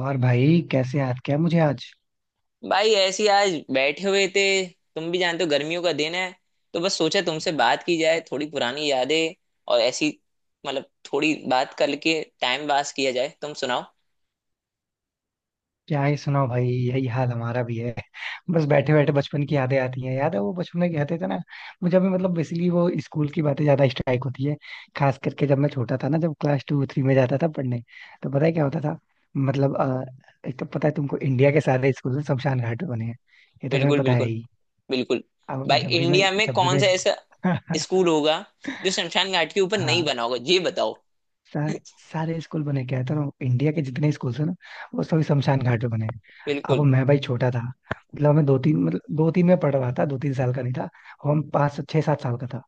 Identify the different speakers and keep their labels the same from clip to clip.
Speaker 1: और भाई कैसे याद किया मुझे आज?
Speaker 2: भाई ऐसी आज बैठे हुए थे। तुम भी जानते हो, गर्मियों का दिन है, तो बस सोचा तुमसे बात की जाए, थोड़ी पुरानी यादें और ऐसी, मतलब थोड़ी बात करके टाइम पास किया जाए। तुम सुनाओ।
Speaker 1: क्या ही सुनाओ भाई, यही हाल हमारा भी है। बस बैठे बैठे बचपन की यादें आती हैं। याद है वो बचपन में कहते थे ना। मुझे अभी मतलब बेसिकली वो स्कूल की बातें ज्यादा स्ट्राइक होती है। खास करके जब मैं छोटा था ना, जब क्लास टू थ्री में जाता था पढ़ने। तो पता है क्या होता था। मतलब एक तो पता है तुमको इंडिया के सारे स्कूल ना शमशान घाट पे बने हैं। ये तो तुम्हें
Speaker 2: बिल्कुल,
Speaker 1: पता है
Speaker 2: बिल्कुल,
Speaker 1: ही।
Speaker 2: बिल्कुल।
Speaker 1: अब
Speaker 2: भाई
Speaker 1: जब भी मैं
Speaker 2: इंडिया में
Speaker 1: जब भी
Speaker 2: कौन
Speaker 1: मैं
Speaker 2: सा ऐसा
Speaker 1: स्कूल।
Speaker 2: स्कूल होगा जो शमशान घाट के ऊपर नहीं
Speaker 1: हाँ।
Speaker 2: बना होगा, ये बताओ।
Speaker 1: सा, सारे स्कूल बने क्या है तो ना, इंडिया के जितने स्कूल है ना वो सभी शमशान घाट पे बने हैं। अब
Speaker 2: बिल्कुल।
Speaker 1: मैं भाई छोटा था। मतलब मैं दो तीन में पढ़ रहा था, 2 3 साल का नहीं था। और हम 5 6 7 साल का था।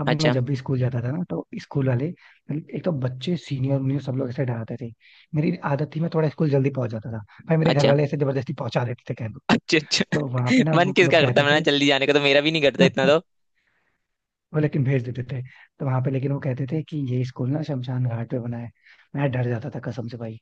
Speaker 1: अब मैं
Speaker 2: अच्छा,
Speaker 1: जब भी स्कूल जाता था ना तो स्कूल वाले मतलब एक तो बच्चे सीनियर मुझे सब लोग ऐसे डराते थे। मेरी आदत थी मैं थोड़ा स्कूल जल्दी पहुंच जाता था। भाई मेरे घर
Speaker 2: अच्छा।
Speaker 1: वाले ऐसे जबरदस्ती पहुंचा देते थे कह दो।
Speaker 2: अच्छा,
Speaker 1: तो
Speaker 2: अच्छा।
Speaker 1: वहां पे ना
Speaker 2: मन
Speaker 1: वो लोग
Speaker 2: किसका करता
Speaker 1: कहते
Speaker 2: है ना
Speaker 1: थे।
Speaker 2: जल्दी जाने का? तो मेरा भी नहीं करता इतना तो।
Speaker 1: वो लेकिन भेज देते थे। तो वहां पे लेकिन वो कहते थे कि ये स्कूल ना शमशान घाट पे बना है। मैं डर जाता था कसम से भाई।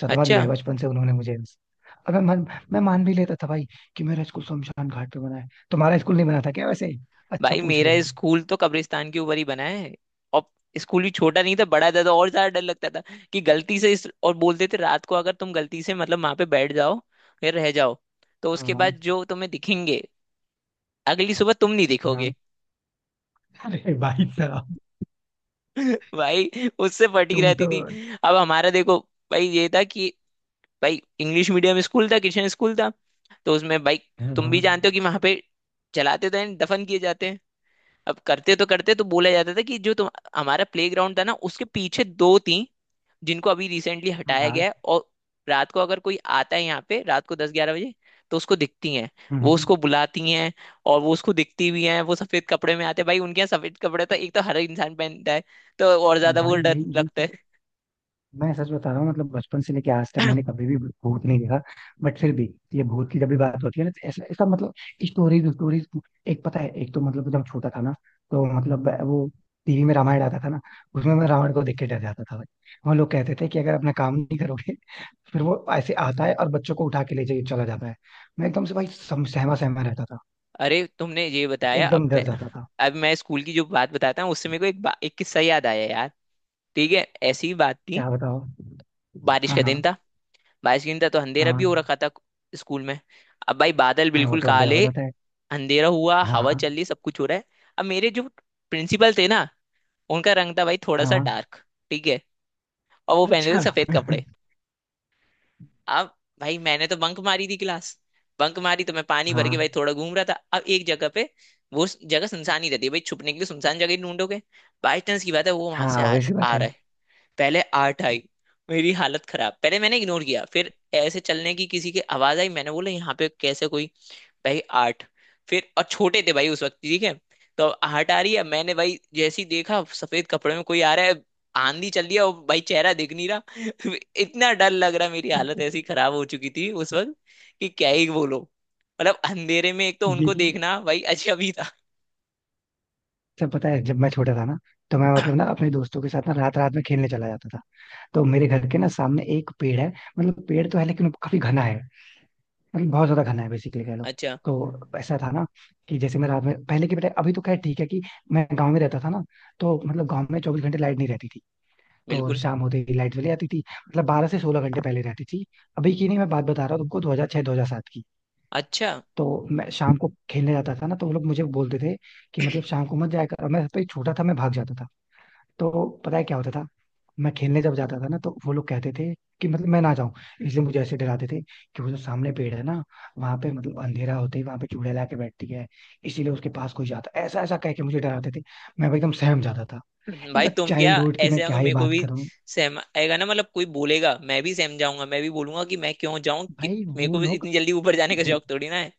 Speaker 1: सदमा दिया
Speaker 2: अच्छा।
Speaker 1: है बचपन से उन्होंने मुझे। और मैं मान भी लेता था भाई कि मेरा स्कूल शमशान घाट पे बना है। तुम्हारा स्कूल नहीं बना था क्या वैसे? अच्छा
Speaker 2: भाई
Speaker 1: पूछ
Speaker 2: मेरा
Speaker 1: रहे हो।
Speaker 2: स्कूल तो कब्रिस्तान के ऊपर ही बना है। और स्कूल भी छोटा नहीं था, बड़ा था, तो और ज्यादा डर लगता था कि गलती से इस और बोलते थे, रात को अगर तुम गलती से मतलब वहां पे बैठ जाओ या रह जाओ, तो उसके
Speaker 1: हाँ
Speaker 2: बाद जो तुम्हें दिखेंगे, अगली सुबह तुम नहीं दिखोगे।
Speaker 1: हाँ, अरे भाई साहब।
Speaker 2: भाई उससे फटी
Speaker 1: तुम
Speaker 2: रहती
Speaker 1: तो।
Speaker 2: थी। अब हमारा देखो भाई, ये था कि भाई इंग्लिश मीडियम स्कूल था, किशन स्कूल था। तो उसमें भाई
Speaker 1: हाँ
Speaker 2: तुम भी
Speaker 1: हाँ
Speaker 2: जानते हो कि वहां पे जलाते तो हैं, दफन किए जाते हैं। अब करते तो बोला जाता था कि जो तुम, हमारा प्ले ग्राउंड था ना, उसके पीछे दो थी, जिनको अभी रिसेंटली हटाया
Speaker 1: हाँ,
Speaker 2: गया है। और रात को अगर कोई आता है यहाँ पे, रात को 10-11 बजे, तो उसको दिखती हैं, वो
Speaker 1: हम्म,
Speaker 2: उसको बुलाती हैं। और वो उसको दिखती भी हैं। वो सफेद कपड़े में आते हैं भाई, उनके यहाँ सफेद कपड़े तो एक तो हर इंसान पहनता है, तो और ज्यादा वो
Speaker 1: भाई
Speaker 2: डर
Speaker 1: यही
Speaker 2: लगता
Speaker 1: यही
Speaker 2: है।
Speaker 1: मैं सच बता रहा हूँ। मतलब बचपन से लेके आज तक मैंने कभी भी भूत नहीं देखा। बट फिर भी ये भूत की जब भी बात होती है ना तो ऐसा इसका मतलब स्टोरीज स्टोरीज। एक पता है, एक तो मतलब जब छोटा था ना तो मतलब वो टीवी में रामायण आता था ना। उसमें मैं रावण को देख के डर जाता था भाई। वो लोग कहते थे कि अगर अपना काम नहीं करोगे फिर वो ऐसे आता है और बच्चों को उठा के ले जाके चला जाता है। मैं एकदम से भाई सहमा सहमा रहता था।
Speaker 2: अरे तुमने ये बताया
Speaker 1: एकदम
Speaker 2: अब।
Speaker 1: डर जाता था।
Speaker 2: अब मैं स्कूल की जो बात बताता हूँ, उससे मेरे को एक किस्सा याद आया यार। ठीक है। ऐसी ही बात थी।
Speaker 1: क्या बताओ?
Speaker 2: बारिश
Speaker 1: हाँ
Speaker 2: का दिन
Speaker 1: हाँ।
Speaker 2: था। 22 घंटा तो अंधेरा भी
Speaker 1: हाँ
Speaker 2: हो रखा था स्कूल में। अब भाई बादल
Speaker 1: हाँ, वो
Speaker 2: बिल्कुल
Speaker 1: तो अंधेरा हो
Speaker 2: काले,
Speaker 1: जाता है।
Speaker 2: अंधेरा हुआ, हवा चल
Speaker 1: हाँ
Speaker 2: रही, सब कुछ हो रहा है। अब मेरे जो प्रिंसिपल थे ना, उनका रंग था भाई थोड़ा सा
Speaker 1: हाँ।
Speaker 2: डार्क, ठीक है, और वो पहने थे
Speaker 1: अच्छा।
Speaker 2: सफेद कपड़े। अब भाई मैंने तो बंक मारी थी क्लास। बंक मारी तो मैं पानी भर के भाई
Speaker 1: हाँ
Speaker 2: थोड़ा घूम रहा था। अब एक जगह पे, वो जगह सुनसान ही रहती है भाई, छुपने के लिए सुनसान जगह ही ढूंढोगे। बाई चांस की बात है वो वहां से
Speaker 1: हाँ, वैसी बात
Speaker 2: आ
Speaker 1: है।
Speaker 2: रहा है। पहले आठ आई, मेरी हालत खराब। पहले मैंने इग्नोर किया, फिर ऐसे चलने की किसी की आवाज आई। मैंने बोला यहाँ पे कैसे कोई। भाई आठ। फिर और छोटे थे भाई उस वक्त, ठीक है। तो अब आठ आ रही है। मैंने भाई जैसे ही देखा, सफेद कपड़े में कोई आ रहा है, आंधी चल रही है, और भाई चेहरा दिख नहीं रहा। इतना डर लग रहा, मेरी हालत ऐसी खराब हो चुकी थी उस वक्त कि क्या ही बोलो। मतलब अंधेरे में एक तो उनको
Speaker 1: यही
Speaker 2: देखना भाई अजब ही था।
Speaker 1: सब पता है जब मैं छोटा था ना तो मैं मतलब ना अपने दोस्तों के साथ ना रात रात में खेलने चला जाता था। तो मेरे घर के ना सामने एक पेड़ है। मतलब पेड़ तो है लेकिन वो काफी घना है। मतलब बहुत ज्यादा घना है बेसिकली कह लो।
Speaker 2: अच्छा।
Speaker 1: तो ऐसा था ना कि जैसे मैं रात में पहले की बेटा अभी तो खैर ठीक है कि मैं गांव में रहता था ना। तो मतलब गांव में 24 घंटे लाइट नहीं रहती थी। तो
Speaker 2: बिल्कुल।
Speaker 1: शाम होते ही लाइट चली जाती थी। मतलब 12 से 16 घंटे पहले रहती थी। अभी की नहीं मैं बात बता रहा हूँ तुमको 2006 2007 की।
Speaker 2: अच्छा।
Speaker 1: तो मैं शाम को खेलने जाता था ना तो वो लोग मुझे बोलते थे कि मतलब शाम को मत जाया कर। और मैं सबसे छोटा था, मैं भाग जाता था। तो पता है क्या होता था। मैं खेलने जब जाता था ना तो वो लोग कहते थे कि मतलब मैं ना जाऊं। इसलिए मुझे ऐसे डराते थे कि वो जो सामने पेड़ है ना, वहां पे मतलब अंधेरा होते ही वहां पे चुड़ैल आके बैठती है। इसीलिए उसके पास कोई जाता, ऐसा ऐसा कह के मुझे डराते थे। मैं एकदम सहम जाता था।
Speaker 2: भाई
Speaker 1: इनका
Speaker 2: तुम क्या,
Speaker 1: चाइल्डहुड की मैं
Speaker 2: ऐसे अगर
Speaker 1: क्या ही
Speaker 2: मेरे को
Speaker 1: बात
Speaker 2: भी,
Speaker 1: करूं।
Speaker 2: सहम आएगा ना? मतलब कोई बोलेगा मैं भी सहम जाऊंगा, मैं भी बोलूंगा कि मैं क्यों जाऊं? कि
Speaker 1: भाई
Speaker 2: मेरे को भी इतनी जल्दी ऊपर जाने का शौक थोड़ी ना है।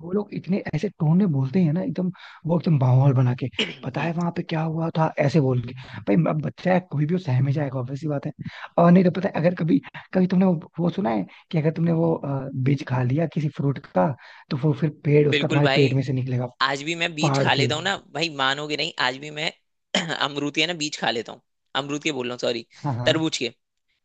Speaker 1: वो लोग इतने ऐसे टोन में बोलते हैं ना एकदम। वो एकदम माहौल बना के पता है वहां पे क्या हुआ था ऐसे बोल के। भाई अब बच्चा है कोई भी वो सहम ही जाएगा, obvious सी बात है। और नहीं तो पता है अगर कभी कभी तुमने वो सुना है कि अगर तुमने वो बीज खा लिया किसी फ्रूट का? तो वो फिर पेड़ उसका
Speaker 2: बिल्कुल
Speaker 1: तुम्हारे पेट
Speaker 2: भाई।
Speaker 1: में से निकलेगा
Speaker 2: आज भी मैं बीज
Speaker 1: फाड़
Speaker 2: खा
Speaker 1: के।
Speaker 2: लेता हूँ ना भाई, मानोगे नहीं, आज भी मैं अमरूद के ना बीज खा लेता हूँ। अमरूद के बोल रहा हूँ, सॉरी,
Speaker 1: हाँ हाँ
Speaker 2: तरबूज के।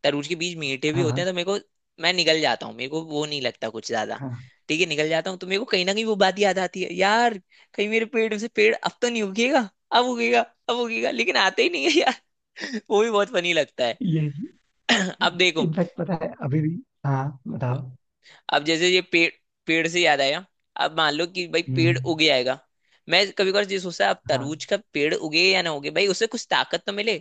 Speaker 2: तरबूज के बीज मीठे भी
Speaker 1: हाँ
Speaker 2: होते
Speaker 1: हाँ
Speaker 2: हैं तो मेरे को, मैं निगल जाता हूँ, मेरे को वो नहीं लगता कुछ ज्यादा।
Speaker 1: हाँ।
Speaker 2: ठीक है, निगल जाता हूँ, तो मेरे को कहीं ना कहीं वो बात याद आती है यार, कहीं मेरे पेड़ से, पेड़ अब तो नहीं उगेगा। अब उगेगा, अब उगेगा, लेकिन आते ही नहीं है यार। वो भी बहुत फनी लगता है।
Speaker 1: ये
Speaker 2: अब देखो,
Speaker 1: इनफैक्ट पता है अभी भी। हाँ बताओ।
Speaker 2: अब जैसे ये पेड़, पेड़ से याद आया, अब मान लो कि भाई पेड़
Speaker 1: हम्म।
Speaker 2: उग जाएगा। मैं कभी कभार ये सोचता है, अब
Speaker 1: हाँ
Speaker 2: तरबूज का पेड़ उगे या ना उगे, भाई उससे कुछ ताकत तो मिले,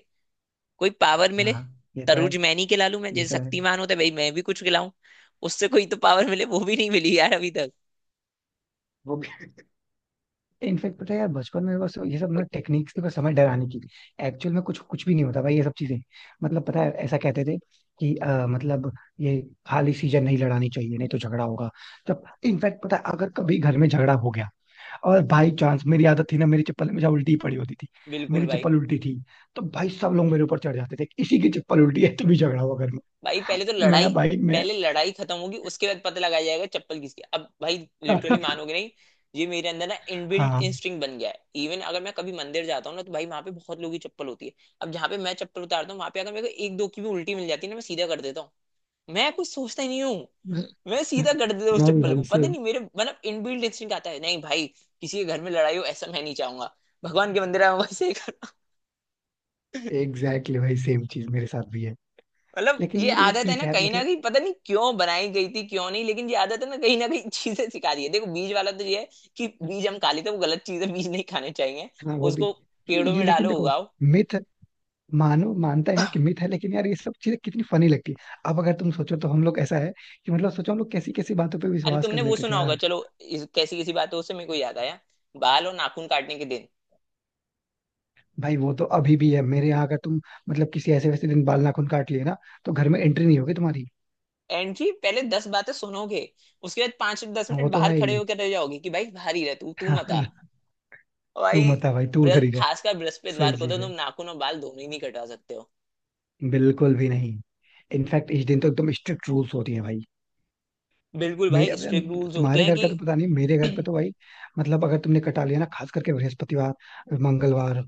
Speaker 2: कोई पावर मिले।
Speaker 1: हाँ। ये तो है।
Speaker 2: तरूज मैं नहीं खिला लूं, मैं
Speaker 1: ये तो
Speaker 2: जैसे
Speaker 1: है।
Speaker 2: शक्तिमान होता है भाई, मैं भी कुछ खिलाऊं, उससे कोई तो पावर मिले। वो भी नहीं मिली यार अभी तक।
Speaker 1: वो भी। इनफेक्ट पता है यार बचपन में बस ये सब ना टेक्निक्स थी बस हमें डराने की। एक्चुअल में कुछ कुछ भी नहीं होता भाई ये सब चीजें। मतलब पता है ऐसा कहते थे कि मतलब ये खाली सीजन नहीं लड़ानी चाहिए नहीं तो झगड़ा होगा। जब इनफैक्ट पता है अगर कभी घर में झगड़ा हो गया और बाई चांस मेरी आदत थी ना मेरी चप्पल हमेशा उल्टी पड़ी होती थी।
Speaker 2: बिल्कुल
Speaker 1: मेरी
Speaker 2: भाई।
Speaker 1: चप्पल उल्टी थी। तो भाई सब लोग मेरे ऊपर चढ़ जाते थे, इसी की चप्पल उल्टी है तभी झगड़ा हुआ घर में।
Speaker 2: भाई पहले तो लड़ाई,
Speaker 1: मैं भाई मैं।
Speaker 2: पहले लड़ाई खत्म होगी, उसके बाद पता लगाया जाएगा चप्पल किसकी। अब भाई लिटरली मानोगे नहीं, ये मेरे अंदर ना इनबिल्ट
Speaker 1: हाँ।
Speaker 2: इंस्टिंक्ट बन गया है। इवन अगर मैं कभी मंदिर जाता हूँ ना, तो भाई वहां पे बहुत लोगों की चप्पल होती है। अब जहाँ पे मैं चप्पल उतारता हूँ, वहां पे अगर मेरे को एक दो की भी उल्टी मिल जाती है ना, मैं सीधा कर देता हूँ। मैं कुछ सोचता ही नहीं हूँ।
Speaker 1: मैं
Speaker 2: मैं सीधा कर देता हूँ उस
Speaker 1: मैं भी
Speaker 2: चप्पल
Speaker 1: भाई
Speaker 2: को, पता
Speaker 1: सेम।
Speaker 2: नहीं मेरे मतलब इनबिल्ट इंस्टिंक्ट आता है, नहीं भाई किसी के घर में लड़ाई हो ऐसा मैं नहीं चाहूंगा, भगवान के मंदिर में वैसे ही कर।
Speaker 1: एग्जैक्टली भाई, सेम चीज मेरे साथ भी है।
Speaker 2: मतलब
Speaker 1: लेकिन
Speaker 2: ये
Speaker 1: यार ये
Speaker 2: आदत है
Speaker 1: ठीक
Speaker 2: ना
Speaker 1: है
Speaker 2: कहीं ना
Speaker 1: मतलब।
Speaker 2: कहीं, पता नहीं क्यों बनाई गई थी क्यों नहीं, लेकिन ये आदत है ना, कहीं ना कहीं चीजें सिखा रही है। देखो बीज वाला तो ये है कि बीज हम खा लेते हैं, वो गलत चीजें, बीज नहीं खाने चाहिए,
Speaker 1: हाँ वो भी।
Speaker 2: उसको
Speaker 1: ये
Speaker 2: पेड़ों
Speaker 1: ये
Speaker 2: में
Speaker 1: लेकिन
Speaker 2: डालो
Speaker 1: देखो।
Speaker 2: उगाओ।
Speaker 1: मिथ। मानो मानते हैं कि मिथ है लेकिन यार ये सब चीजें कितनी फनी लगती है। अब अगर तुम सोचो तो हम लोग ऐसा है कि मतलब सोचो हम लोग कैसी कैसी बातों पे
Speaker 2: अरे
Speaker 1: विश्वास कर
Speaker 2: तुमने वो
Speaker 1: लेते थे
Speaker 2: सुना होगा,
Speaker 1: यार।
Speaker 2: चलो कैसी कैसी बात है, उससे मेरे को याद आया, बाल और नाखून काटने के दिन।
Speaker 1: भाई वो तो अभी भी है मेरे यहाँ अगर तुम मतलब किसी ऐसे वैसे दिन बाल नाखून काट लिए ना तो घर में एंट्री नहीं होगी तुम्हारी।
Speaker 2: एंड की पहले 10 बातें सुनोगे, उसके बाद पांच दस
Speaker 1: हाँ वो
Speaker 2: मिनट
Speaker 1: तो
Speaker 2: बाहर
Speaker 1: है
Speaker 2: खड़े
Speaker 1: ही।
Speaker 2: होकर रह जाओगे कि भाई बाहर ही रह, तू तू मत आ।
Speaker 1: हाँ,
Speaker 2: और
Speaker 1: तू
Speaker 2: भाई
Speaker 1: मत आ भाई तू उधर ही रह।
Speaker 2: खासकर
Speaker 1: सही
Speaker 2: बृहस्पतिवार को तो
Speaker 1: चीज
Speaker 2: तुम
Speaker 1: है।
Speaker 2: नाखून और बाल दोनों ही नहीं कटवा सकते हो।
Speaker 1: बिल्कुल भी नहीं। इनफैक्ट इस दिन तो एकदम स्ट्रिक्ट रूल्स होती है भाई।
Speaker 2: बिल्कुल भाई, स्ट्रिक्ट
Speaker 1: अब
Speaker 2: रूल्स होते
Speaker 1: तुम्हारे
Speaker 2: हैं
Speaker 1: घर का तो पता नहीं मेरे घर पे
Speaker 2: कि
Speaker 1: तो भाई मतलब अगर तुमने कटा लिया ना खास करके बृहस्पतिवार मंगलवार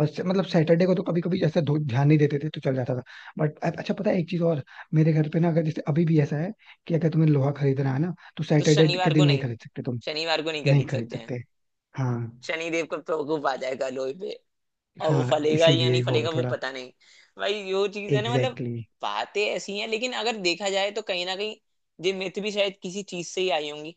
Speaker 1: और मतलब सैटरडे को तो कभी कभी ऐसा ध्यान नहीं देते थे तो चल जाता था। बट अच्छा पता है एक चीज और। मेरे घर पे ना अगर जैसे अभी भी ऐसा है कि अगर तुम्हें लोहा खरीदना है ना तो
Speaker 2: तो
Speaker 1: सैटरडे के
Speaker 2: शनिवार को
Speaker 1: दिन नहीं
Speaker 2: नहीं,
Speaker 1: खरीद सकते तुम।
Speaker 2: शनिवार को नहीं
Speaker 1: नहीं
Speaker 2: खरीद
Speaker 1: खरीद
Speaker 2: सकते हैं।
Speaker 1: सकते। हाँ
Speaker 2: शनिदेव का प्रकोप आ जाएगा लोहे पे। और वो
Speaker 1: हाँ
Speaker 2: फलेगा या नहीं
Speaker 1: इसीलिए वो
Speaker 2: फलेगा वो
Speaker 1: थोड़ा।
Speaker 2: पता नहीं। भाई यो चीज है ना मतलब,
Speaker 1: एग्जैक्टली exactly।
Speaker 2: बातें ऐसी हैं, लेकिन अगर देखा जाए तो कहीं ना कहीं ये मिथ भी शायद किसी चीज से ही आई होंगी,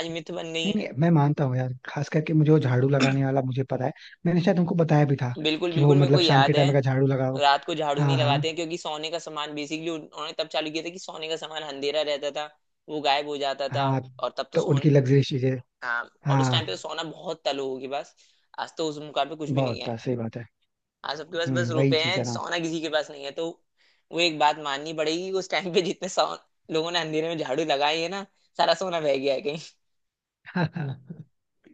Speaker 2: आज मिथ बन गई
Speaker 1: नहीं
Speaker 2: है।
Speaker 1: नहीं मैं मानता हूँ यार, खास करके मुझे वो झाड़ू लगाने वाला मुझे पता है। मैंने शायद उनको बताया भी था
Speaker 2: बिल्कुल,
Speaker 1: कि वो
Speaker 2: बिल्कुल, मेरे को
Speaker 1: मतलब शाम के
Speaker 2: याद है।
Speaker 1: टाइम अगर झाड़ू लगाओ।
Speaker 2: रात को झाड़ू नहीं
Speaker 1: हाँ हाँ
Speaker 2: लगाते हैं क्योंकि सोने का सामान, बेसिकली उन्होंने तब चालू किया था कि सोने का सामान, अंधेरा रहता था, वो गायब हो जाता था।
Speaker 1: हाँ।
Speaker 2: और तब तो
Speaker 1: तो
Speaker 2: सोने,
Speaker 1: उनकी लग्जरियस चीजें।
Speaker 2: हाँ, और उस टाइम पे तो
Speaker 1: हाँ
Speaker 2: सोना बहुत था लोगों के पास। आज तो उस मुकाम पे कुछ भी नहीं
Speaker 1: बहुत था,
Speaker 2: है।
Speaker 1: सही बात है।
Speaker 2: आज सबके पास बस
Speaker 1: वही
Speaker 2: रुपए
Speaker 1: चीज
Speaker 2: हैं,
Speaker 1: है ना।
Speaker 2: सोना किसी के पास नहीं है तो। वो एक बात माननी पड़ेगी, उस टाइम पे जितने 100 लोगों ने अंधेरे में झाड़ू लगाई है ना, सारा सोना बह गया है कहीं।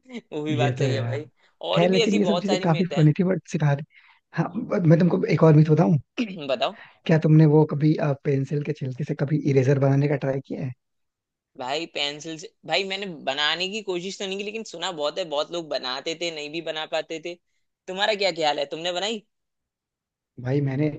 Speaker 2: वो भी
Speaker 1: ये
Speaker 2: बात
Speaker 1: तो
Speaker 2: सही
Speaker 1: है
Speaker 2: है
Speaker 1: यार।
Speaker 2: भाई। और
Speaker 1: खैर
Speaker 2: भी
Speaker 1: लेकिन
Speaker 2: ऐसी
Speaker 1: ये सब
Speaker 2: बहुत
Speaker 1: चीजें
Speaker 2: सारी
Speaker 1: काफी
Speaker 2: मिथ है।
Speaker 1: फनी थी बट सिखा दी। हाँ। but मैं तुमको एक और मिथ बताऊं?
Speaker 2: बताओ।
Speaker 1: क्या तुमने वो कभी पेंसिल के छिलके से कभी इरेजर बनाने का ट्राई किया है?
Speaker 2: भाई पेंसिल से, भाई मैंने बनाने की कोशिश तो नहीं की, लेकिन सुना बहुत है, बहुत लोग बनाते थे, नहीं भी बना पाते थे। तुम्हारा क्या ख्याल है, तुमने बनाई?
Speaker 1: भाई मैंने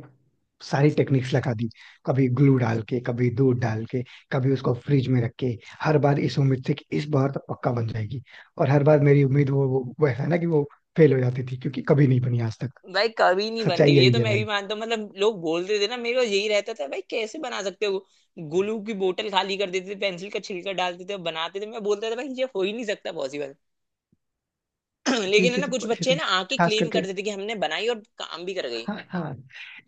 Speaker 1: सारी टेक्निक्स लगा दी। कभी ग्लू डाल के कभी दूध डाल के कभी उसको फ्रिज में रख के हर बार इस उम्मीद से कि इस बार तो पक्का बन जाएगी। और हर बार मेरी उम्मीद वो वैसा ना कि वो फेल हो जाती थी क्योंकि कभी नहीं बनी आज तक।
Speaker 2: भाई कभी नहीं
Speaker 1: सच्चाई
Speaker 2: बनती, ये
Speaker 1: यही
Speaker 2: तो
Speaker 1: है
Speaker 2: मैं भी
Speaker 1: भाई।
Speaker 2: मानता हूँ। मतलब लोग बोलते थे ना, मेरे को यही रहता था भाई कैसे बना सकते हो। ग्लू की बोतल खाली कर देते थे, पेंसिल का छिलका डालते थे और बनाते थे। मैं बोलता था भाई ये हो ही नहीं सकता पॉसिबल। लेकिन है ना, कुछ
Speaker 1: ये
Speaker 2: बच्चे
Speaker 1: सब
Speaker 2: ना आके
Speaker 1: खास
Speaker 2: क्लेम
Speaker 1: करके।
Speaker 2: करते थे कि हमने बनाई, और काम भी कर गई।
Speaker 1: हाँ हाँ।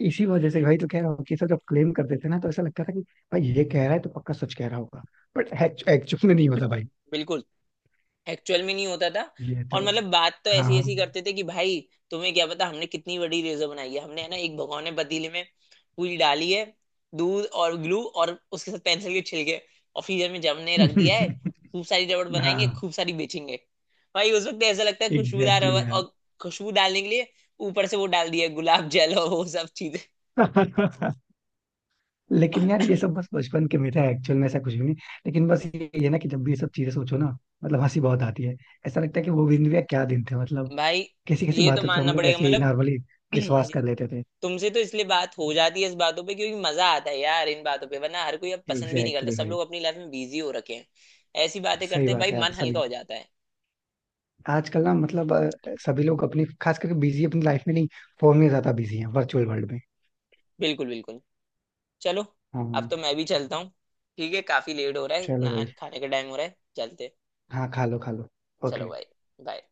Speaker 1: इसी वजह से भाई तो कह रहा हूँ कि ये सब जब क्लेम करते थे ना तो ऐसा लगता था कि भाई ये कह रहा है तो पक्का सच कह रहा होगा। बट एक्चुअल में नहीं होता भाई।
Speaker 2: बिल्कुल, एक्चुअल में नहीं होता था।
Speaker 1: ये
Speaker 2: और
Speaker 1: तो
Speaker 2: मतलब बात तो ऐसी
Speaker 1: हाँ।
Speaker 2: ऐसी करते थे कि भाई, तुम्हें क्या पता हमने कितनी बड़ी रेजर बनाई है, हमने है ना एक भगोने पतीले में पूरी डाली है, दूध और ग्लू और उसके साथ पेंसिल के छिलके, और फ्रीजर में जमने रख दिया है। खूब सारी रबड़ बनाएंगे,
Speaker 1: हाँ
Speaker 2: खूब सारी बेचेंगे। भाई उस वक्त ऐसा लगता है, खुशबूदार
Speaker 1: एग्जैक्टली
Speaker 2: रबड़,
Speaker 1: यार।
Speaker 2: और खुशबू डालने के लिए ऊपर से वो डाल दिया गुलाब जल और वो सब चीजें।
Speaker 1: लेकिन यार ये सब बस बचपन के मिथ है, एक्चुअल में ऐसा कुछ भी नहीं। लेकिन बस ये ना कि जब भी ये सब चीजें सोचो ना मतलब हंसी बहुत आती है। ऐसा लगता है कि वो दिन भी यार, क्या दिन थे मतलब
Speaker 2: भाई
Speaker 1: कैसी कैसी
Speaker 2: ये तो
Speaker 1: बातों पे हम
Speaker 2: मानना
Speaker 1: लोग
Speaker 2: पड़ेगा
Speaker 1: ऐसे ही
Speaker 2: मतलब।
Speaker 1: नॉर्मली विश्वास कर लेते थे।
Speaker 2: तुमसे तो इसलिए बात हो जाती है इस बातों पे, क्योंकि मजा आता है यार इन बातों पे, वरना हर कोई अब पसंद भी नहीं करता,
Speaker 1: एग्जैक्टली
Speaker 2: सब
Speaker 1: exactly।
Speaker 2: लोग अपनी लाइफ में बिजी हो रखे हैं। ऐसी बातें
Speaker 1: सही
Speaker 2: करते हैं
Speaker 1: बात
Speaker 2: भाई,
Speaker 1: है यार
Speaker 2: मन हल्का
Speaker 1: सभी।
Speaker 2: हो जाता है।
Speaker 1: आजकल ना मतलब सभी लोग अपनी खास करके बिजी अपनी लाइफ में नहीं, फोन में ज्यादा बिजी हैं वर्चुअल वर्ल्ड में।
Speaker 2: बिल्कुल, बिल्कुल। चलो,
Speaker 1: हाँ हाँ।
Speaker 2: अब तो मैं भी चलता हूँ। ठीक है, काफी लेट हो रहा है
Speaker 1: चलो
Speaker 2: ना,
Speaker 1: भाई।
Speaker 2: खाने का टाइम हो रहा है, चलते।
Speaker 1: हाँ खा लो खा लो।
Speaker 2: चलो
Speaker 1: ओके।
Speaker 2: भाई। बाय।